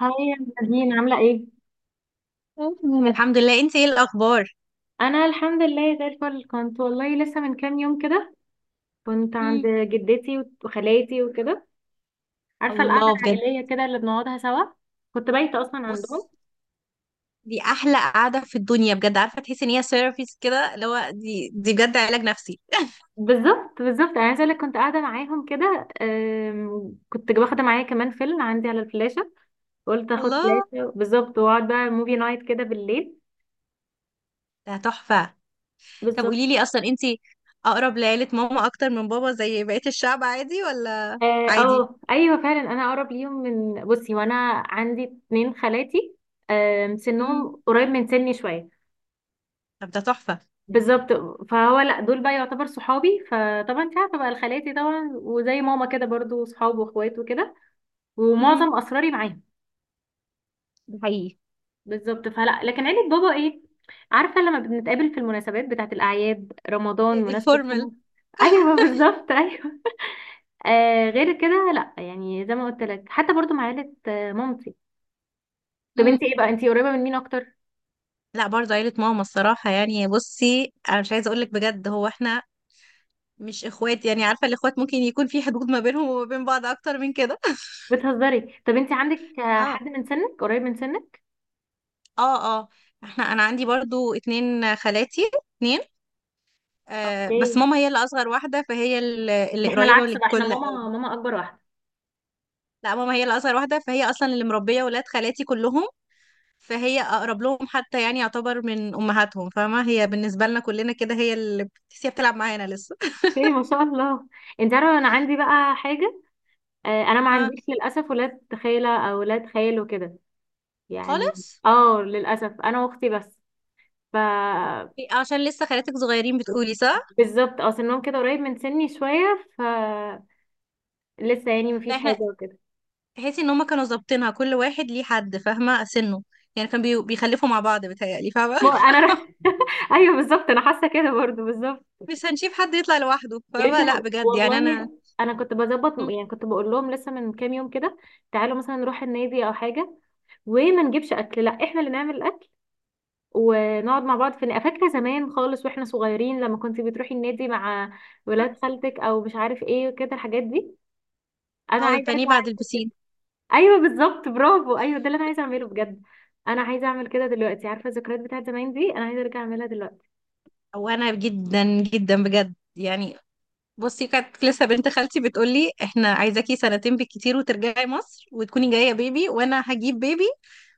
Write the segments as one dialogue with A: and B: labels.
A: هاي يا نادين، عاملة ايه؟
B: تمام، الحمد لله. انت ايه الاخبار؟
A: أنا الحمد لله زي الفل. كنت والله لسه من كام يوم كده كنت عند
B: مم.
A: جدتي وخالاتي وكده. عارفة القعدة
B: الله بجد.
A: العائلية كده اللي بنقعدها سوا، كنت بايتة أصلا
B: بص،
A: عندهم.
B: دي احلى قعده في الدنيا بجد. عارفه تحسي ان هي ثيرابيست كده، اللي هو دي بجد علاج نفسي.
A: بالظبط بالظبط، أنا عايزة أقولك كنت قاعدة معاهم كده، كنت واخدة معايا كمان فيلم عندي على الفلاشة. قلت أخد
B: الله،
A: فلاشة بالظبط وأقعد بقى موفي نايت كده بالليل.
B: ده تحفه. طب
A: بالظبط.
B: قولي لي اصلا، انت اقرب لعيله ماما اكتر من بابا زي بقيه الشعب، عادي ولا؟
A: اه.
B: عادي.
A: ايوه فعلا انا اقرب ليهم من، بصي وانا عندي اتنين خالاتي.
B: مم.
A: سنهم قريب من سني شوية.
B: طب ده تحفه.
A: بالظبط، فهو لا دول بقى يعتبر صحابي، فطبعا انت عارفه بقى الخالاتي طبعا وزي ماما كده برضو صحاب واخوات وكده،
B: مم.
A: ومعظم اسراري معاهم.
B: ده حقيقي.
A: بالظبط، فلا لكن عيله بابا ايه، عارفه لما بنتقابل في المناسبات بتاعه الاعياد، رمضان، مناسبه
B: الفورمال.
A: رمضان. ايوه بالظبط ايوه. آه غير كده لا، يعني زي ما قلت لك حتى برضو مع عيله مامتي. طب انت
B: مم.
A: ايه بقى، انت قريبه من مين اكتر؟
B: لا برضه عيله ماما الصراحه. يعني بصي، انا مش عايزه اقول لك بجد، هو احنا مش اخوات، يعني عارفه الاخوات ممكن يكون في حدود ما بينهم وما بين بعض اكتر من كده.
A: بتهزري. طب انت عندك
B: اه،
A: حد من سنك قريب من سنك؟
B: اه، اه. انا عندي برضو اتنين خالاتي، اتنين. آه، بس
A: اوكي،
B: ماما هي اللي اصغر واحده، فهي
A: ده
B: اللي
A: احنا
B: قريبه
A: العكس بقى، احنا
B: للكل.
A: ماما ماما اكبر واحده.
B: لا، ماما هي اللي اصغر واحده، فهي اصلا اللي مربيه ولاد خالاتي كلهم. فهي اقرب لهم، حتى يعني يعتبر من امهاتهم، فاهمه؟ هي بالنسبه لنا كلنا كده، هي اللي بتحسيها بتلعب معانا لسه.
A: ايه ما شاء الله. انت عارفه انا عندي بقى حاجه، انا ما
B: اه،
A: عنديش للاسف ولاد خاله او ولاد خال وكده يعني.
B: خالص.
A: اه للاسف، انا واختي بس. ف
B: إيه، عشان لسه خالاتك صغيرين بتقولي صح؟
A: بالظبط، اه سنهم كده قريب من سني شويه، لسه يعني
B: لا
A: مفيش حاجه
B: احنا،
A: وكده.
B: تحسي ان هما كانوا ظابطينها، كل واحد ليه حد فاهمه سنه. يعني كان بيخلفوا مع بعض بيتهيألي، فاهمه؟
A: ما انا ر... ايوه بالظبط، انا حاسه كده برضو بالظبط.
B: مش هنشوف حد يطلع لوحده،
A: يا بنتي
B: فاهمه؟ لا
A: انا
B: بجد، يعني انا.
A: والله، انا كنت بظبط،
B: مم.
A: يعني كنت بقول لهم لسه من كام يوم كده، تعالوا مثلا نروح النادي او حاجه، وما نجيبش اكل، لا احنا اللي نعمل الاكل، ونقعد مع بعض في فاكره زمان خالص واحنا صغيرين لما كنت بتروحي النادي مع ولاد خالتك او مش عارف ايه وكده الحاجات دي، انا
B: او
A: عايزه
B: البانيه
A: ارجع.
B: بعد البسين.
A: ايوه بالظبط برافو ايوه، ده اللي انا عايزه اعمله بجد. انا عايزه اعمل كده دلوقتي، عارفه الذكريات بتاعت زمان دي، انا عايزه ارجع اعملها دلوقتي.
B: وانا جدا جدا بجد، يعني بصي، كانت لسه بنت خالتي بتقول لي احنا عايزاكي سنتين بالكتير وترجعي مصر وتكوني جايه بيبي، وانا هجيب بيبي،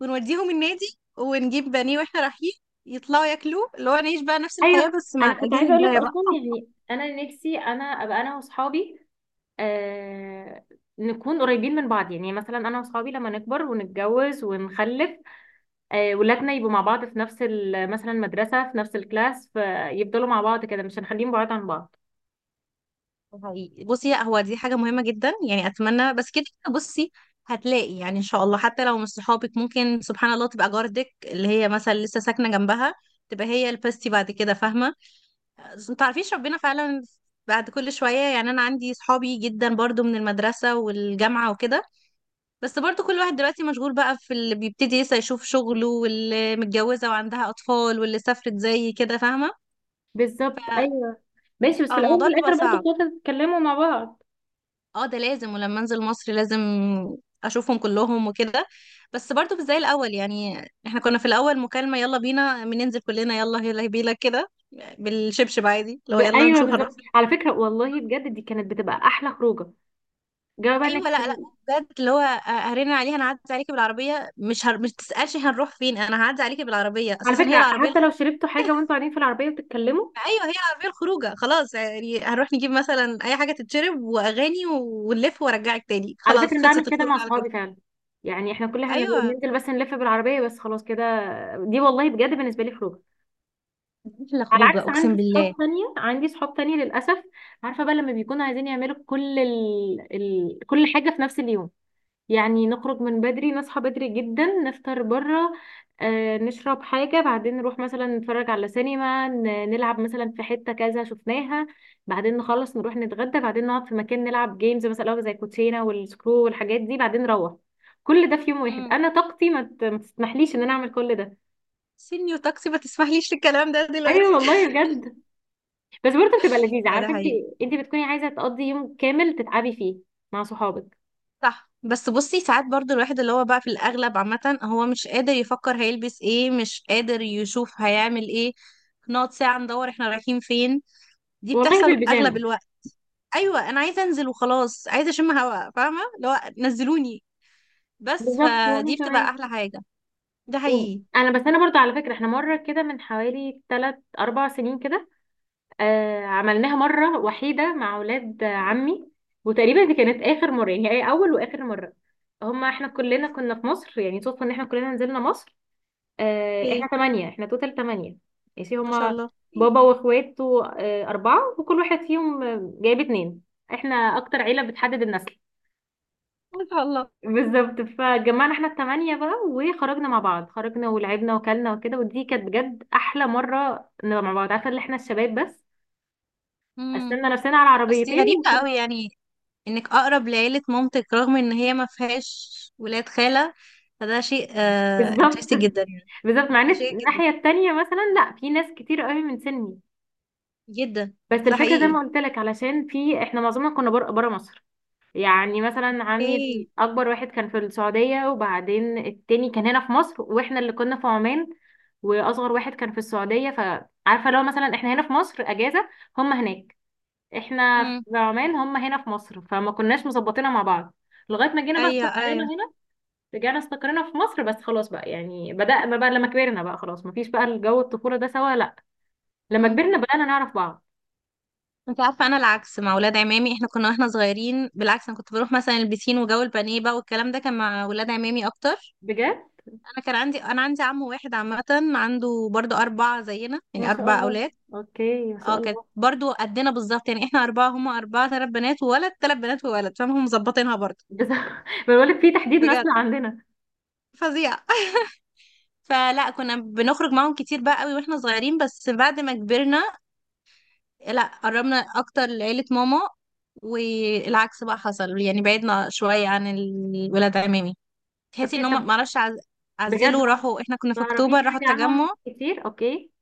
B: ونوديهم النادي، ونجيب بانيه واحنا رايحين يطلعوا ياكلوه، اللي هو نعيش بقى نفس
A: ايوه.
B: الحياه بس مع
A: انا كنت
B: الاجيال
A: عايزه اقول لك،
B: الجايه بقى.
A: اصلا يعني انا نفسي انا ابقى انا واصحابي، آه نكون قريبين من بعض، يعني مثلا انا واصحابي لما نكبر ونتجوز ونخلف، ولادنا يبقوا مع بعض في نفس مثلا مدرسة، في نفس الكلاس، فيفضلوا مع بعض كده، مش هنخليهم بعاد عن بعض.
B: حقيقي. بصي لا، هو دي حاجة مهمة جدا، يعني أتمنى، بس كده كده بصي هتلاقي يعني إن شاء الله، حتى لو مش صحابك، ممكن سبحان الله تبقى جارتك اللي هي مثلا لسه ساكنة جنبها تبقى هي البستي بعد كده، فاهمة؟ ما تعرفيش ربنا فعلا. بعد كل شوية، يعني أنا عندي صحابي جدا برضو من المدرسة والجامعة وكده، بس برضو كل واحد دلوقتي مشغول بقى، في اللي بيبتدي لسه يشوف شغله، واللي متجوزة وعندها أطفال، واللي سافرت زي كده، فاهمة؟
A: بالظبط
B: ف
A: ايوه. ماشي، بس في
B: اه،
A: الاول وفي
B: الموضوع بيبقى
A: الاخر برضه
B: صعب.
A: بتقعدوا تتكلموا مع بعض.
B: اه، ده لازم، ولما انزل مصر لازم اشوفهم كلهم وكده، بس برضو مش زي الاول يعني. احنا كنا في الاول مكالمة يلا بينا، بننزل كلنا، يلا يلا بينا كده، بالشبشب عادي. لو يلا
A: ايوه
B: نشوف هنروح
A: بالظبط،
B: فين.
A: على فكرة والله بجد دي كانت بتبقى احلى خروجة، جواب
B: ايوه،
A: انك،
B: لا لا، بجد اللي هو هرن عليه، هنعدي عليكي بالعربية، مش تسألش هنروح فين، انا هعدي عليكي بالعربية
A: على
B: اساسا، هي
A: فكرة
B: العربية
A: حتى لو
B: الخروج.
A: شربتوا حاجة وانتوا قاعدين في العربية وبتتكلموا.
B: ايوه، هي العربية الخروجة خلاص، يعني هنروح نجيب مثلا اي حاجة تتشرب واغاني ونلف وارجعك تاني،
A: على فكرة
B: خلاص
A: أنا بعمل
B: خلصت
A: كده
B: الخروج
A: مع
B: على كده.
A: صحابي فعلا، يعني احنا كل احنا
B: ايوه.
A: بننزل بس نلف بالعربية بس خلاص كده. دي والله بجد بالنسبة لي خروجة.
B: لا
A: على
B: خروجه
A: عكس
B: اقسم
A: عندي
B: بالله.
A: صحاب تانية، عندي صحاب تانية للأسف، عارفة بقى لما بيكونوا عايزين يعملوا كل كل حاجة في نفس اليوم، يعني نخرج من بدري، نصحى بدري جدا، نفطر بره، آه نشرب حاجة، بعدين نروح مثلا نتفرج على سينما، نلعب مثلا في حتة كذا شفناها، بعدين نخلص نروح نتغدى، بعدين نقعد في مكان نلعب جيمز مثلا زي كوتشينة والسكرو والحاجات دي، بعدين نروح. كل ده في يوم واحد،
B: امم
A: انا طاقتي ما تسمحليش ان انا اعمل كل ده.
B: سينيور تاكسي ما تسمحليش الكلام ده دلوقتي.
A: ايوه والله بجد، بس برضه بتبقى لذيذة،
B: لا ده
A: عارفة انت،
B: حقيقي.
A: انت بتكوني عايزة تقضي يوم كامل تتعبي فيه مع صحابك.
B: صح، بس بصي ساعات برضو الواحد اللي هو بقى في الأغلب عامة هو مش قادر يفكر هيلبس ايه، مش قادر يشوف هيعمل ايه، نقعد ساعة ندور احنا رايحين فين. دي
A: والله
B: بتحصل أغلب
A: بالبيجامة.
B: الوقت. أيوة، أنا عايزة أنزل وخلاص، عايزة أشم هوا فاهمة، اللي هو نزلوني بس،
A: بالظبط وانا
B: فدي بتبقى
A: كمان.
B: أحلى حاجة. ده
A: و-
B: حقيقي.
A: انا بس، انا برضه على فكرة، احنا مرة كده من حوالي 3 4 سنين كده، عملناها مرة وحيدة مع اولاد عمي، وتقريبا دي كانت اخر مرة، يعني هي اول واخر مرة. هما احنا كلنا كنا في مصر، يعني صدفة ان احنا كلنا نزلنا مصر، احنا
B: ايه،
A: تمانية، احنا توتال تمانية. ماشي.
B: ما شاء
A: هما
B: الله.
A: بابا واخواته أربعة، وكل واحد فيهم جايب اتنين، احنا أكتر عيلة بتحدد النسل.
B: ما شاء الله.
A: بالظبط، فجمعنا احنا التمانية بقى وخرجنا مع بعض، خرجنا ولعبنا وكلنا وكده، ودي كانت بجد أحلى مرة نبقى مع بعض، عارفة اللي احنا الشباب بس،
B: امم
A: قسمنا نفسنا على
B: بس دي
A: عربيتين
B: غريبة قوي، يعني انك اقرب لعيلة مامتك رغم ان هي ما فيهاش ولاد خالة، فده شيء
A: بالظبط
B: انترستنج جدا يعني.
A: بالظبط، مع ان
B: ده شيء جدا
A: الناحية التانية مثلا لا، في ناس كتير قوي من سني،
B: جدا.
A: بس
B: ده
A: الفكرة زي ما
B: حقيقي.
A: قلت لك علشان في، احنا معظمنا كنا بره بره مصر. يعني مثلا عمي
B: ايه.
A: اكبر واحد كان في السعودية، وبعدين التاني كان هنا في مصر، واحنا اللي كنا في عمان، واصغر واحد كان في السعودية، فعارفة لو مثلا احنا هنا في مصر اجازة، هم هناك، احنا
B: امم.
A: في عمان هم هنا في مصر، فما كناش مظبطينها مع بعض، لغاية ما جينا بقى
B: ايوه،
A: استقرينا
B: ايوه.
A: هنا. رجعنا استقرينا في مصر بس، خلاص بقى يعني بدأنا بقى لما كبرنا بقى، خلاص مفيش بقى الجو الطفولة ده سوا لا، لما
B: امم.
A: كبرنا بدأنا نعرف بعض.
B: انت عارفة، انا العكس مع ولاد عمامي. احنا كنا واحنا صغيرين بالعكس، انا كنت بروح مثلا البسين وجو البانيه بقى، والكلام ده كان مع ولاد عمامي اكتر.
A: بجد
B: انا عندي عم واحد عامة، عنده برضه اربعة زينا،
A: ما
B: يعني
A: شاء
B: اربع
A: الله،
B: اولاد.
A: اوكي ما شاء
B: اه، كانت
A: الله.
B: برضو قدنا بالظبط. يعني احنا اربعه هما اربعه، ثلاث بنات وولد، ثلاث بنات وولد، فهم مظبطينها برضو.
A: بس بقولك في تحديد مثل
B: بجد
A: عندنا.
B: فظيع. فلا، كنا بنخرج معاهم كتير بقى قوي واحنا صغيرين، بس بعد ما كبرنا، لا قربنا اكتر لعيلة ماما، والعكس بقى حصل، يعني بعدنا شوية عن الولاد عمامي. تحسي
A: اوكي
B: ان هم
A: طب.
B: معرفش،
A: بجد
B: عزلوا
A: ما
B: راحوا، احنا كنا في
A: تعرفيش
B: اكتوبر راحوا
A: حاجة
B: التجمع.
A: عنهم كتير، اوكي.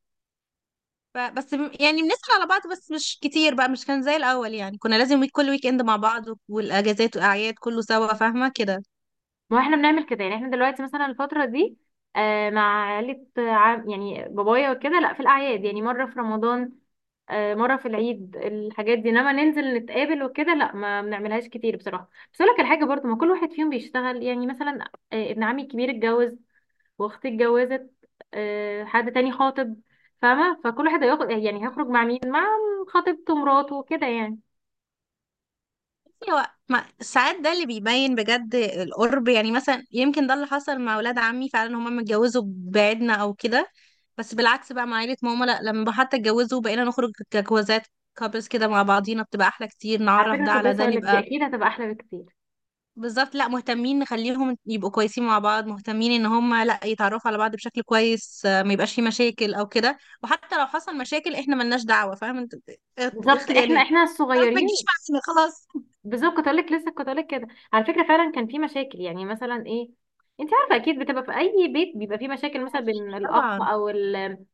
B: بس يعني بنسأل على بعض بس مش كتير بقى، مش كان زي الأول يعني. كنا لازم كل ويك اند مع بعض والأجازات والأعياد كله سوا، فاهمة كده.
A: ما احنا بنعمل كده يعني، احنا دلوقتي مثلا الفترة دي آه مع عيلة عم يعني بابايا وكده، لا في الأعياد، يعني مرة في رمضان آه، مرة في العيد، الحاجات دي، انما ننزل نتقابل وكده لا ما بنعملهاش كتير بصراحة. بس اقول لك الحاجة برضو، ما كل واحد فيهم بيشتغل يعني، مثلا ابن عمي الكبير اتجوز، واختي اتجوزت، حد تاني خاطب، فاهمة، فكل واحد هياخد يعني هيخرج مع مين، مع خطيبته، مراته وكده يعني.
B: بصي، هو ساعات ده اللي بيبين بجد القرب، يعني مثلا يمكن ده اللي حصل مع ولاد عمي فعلا، هما متجوزوا بعيدنا أو كده. بس بالعكس بقى مع عيلة ماما، لا لما حتى اتجوزوا بقينا نخرج كجوازات، كابلز كده مع بعضينا، بتبقى أحلى كتير،
A: على
B: نعرف
A: فكرة
B: ده
A: كنت
B: على
A: لسه
B: ده
A: اقول لك، دي
B: نبقى.
A: اكيد هتبقى احلى بكتير.
B: بالظبط، لا مهتمين نخليهم يبقوا كويسين مع بعض، مهتمين ان هم لا يتعرفوا على بعض بشكل كويس، ما يبقاش في مشاكل او كده، وحتى لو حصل مشاكل احنا ملناش دعوة، فاهم انت؟
A: بالظبط،
B: اخلي
A: احنا
B: يعني،
A: احنا
B: خلاص ما
A: الصغيرين.
B: تجيش معانا خلاص.
A: بالظبط كنت لك لسه كنت لك كده، على فكره فعلا كان في مشاكل، يعني مثلا ايه، انت عارفه اكيد بتبقى في اي بيت بيبقى في مشاكل، مثلا بين الاخ
B: طبعا.
A: او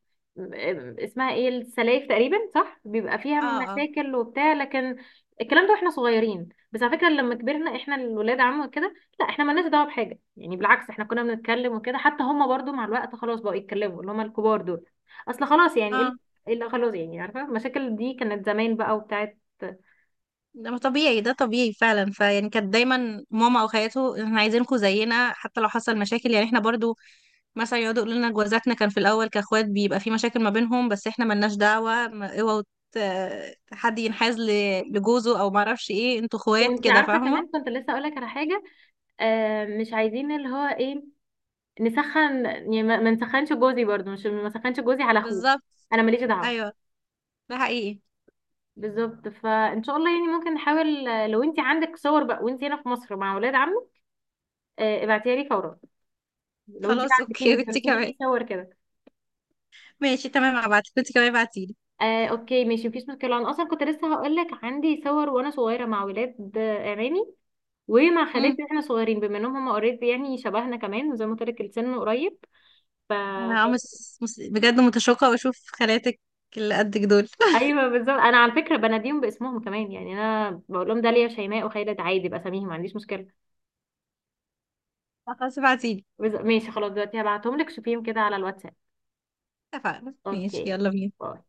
A: اسمها ايه السلايف تقريبا صح، بيبقى فيها
B: اه، اه،
A: مشاكل وبتاع، لكن الكلام ده واحنا صغيرين، بس على فكره لما كبرنا احنا الولاد عم وكده، لا احنا مالناش دعوه بحاجه، يعني بالعكس احنا كنا بنتكلم وكده، حتى هم برضو مع الوقت خلاص بقوا يتكلموا، اللي هم الكبار دول، اصل خلاص يعني ايه،
B: اه.
A: اللي خلاص يعني، عارفه المشاكل دي كانت زمان بقى وبتاعت.
B: ده ما طبيعي، ده طبيعي فعلا. فيعني كانت دايما ماما او خالته احنا عايزينكم زينا، حتى لو حصل مشاكل، يعني احنا برضو مثلا يقعدوا يقولوا لنا جوازاتنا، كان في الاول كاخوات بيبقى في مشاكل ما بينهم، بس احنا ملناش دعوه. اوعوا حد ينحاز لجوزه او ما اعرفش ايه، انتوا اخوات
A: وانت
B: كده
A: عارفه
B: فاهمه.
A: كمان كنت لسه اقول لك على حاجه، مش عايزين اللي هو ايه، نسخن يعني ما نسخنش جوزي برضو، مش ما نسخنش جوزي على اخوه،
B: بالظبط.
A: انا ماليش دعوه.
B: ايوه. ده حقيقي.
A: بالظبط، فان شاء الله يعني ممكن نحاول لو انت عندك صور بقى وانت هنا في مصر مع اولاد عمك، ابعتيها لي فورا، لو انت بقى
B: خلاص
A: عندتيني،
B: اوكي.
A: انت
B: وانت
A: قلتي لي
B: كمان.
A: في صور كده.
B: ماشي تمام، هبعتلك، وانت كمان ابعتيلي.
A: اوكي ماشي، مفيش مشكله، انا اصلا كنت لسه هقول لك عندي صور وانا صغيره مع اولاد عمامي، ومع
B: مم.
A: خالاتي واحنا صغيرين، بما انهم هم اوريدي يعني شبهنا كمان، وزي ما قلت لك السن قريب، ف
B: انا بجد متشوقه واشوف خالاتك اللي قدك دول.
A: ايوه بالظبط. انا على فكره بناديهم باسمهم كمان، يعني انا بقول لهم داليا شيماء وخالد عادي، باساميهم ما عنديش مشكله.
B: خلاص ابعتيلي.
A: ماشي خلاص، دلوقتي هبعتهم لك شوفيهم كده على الواتساب.
B: اتفقنا، ماشي،
A: اوكي،
B: يلا بينا.
A: باي.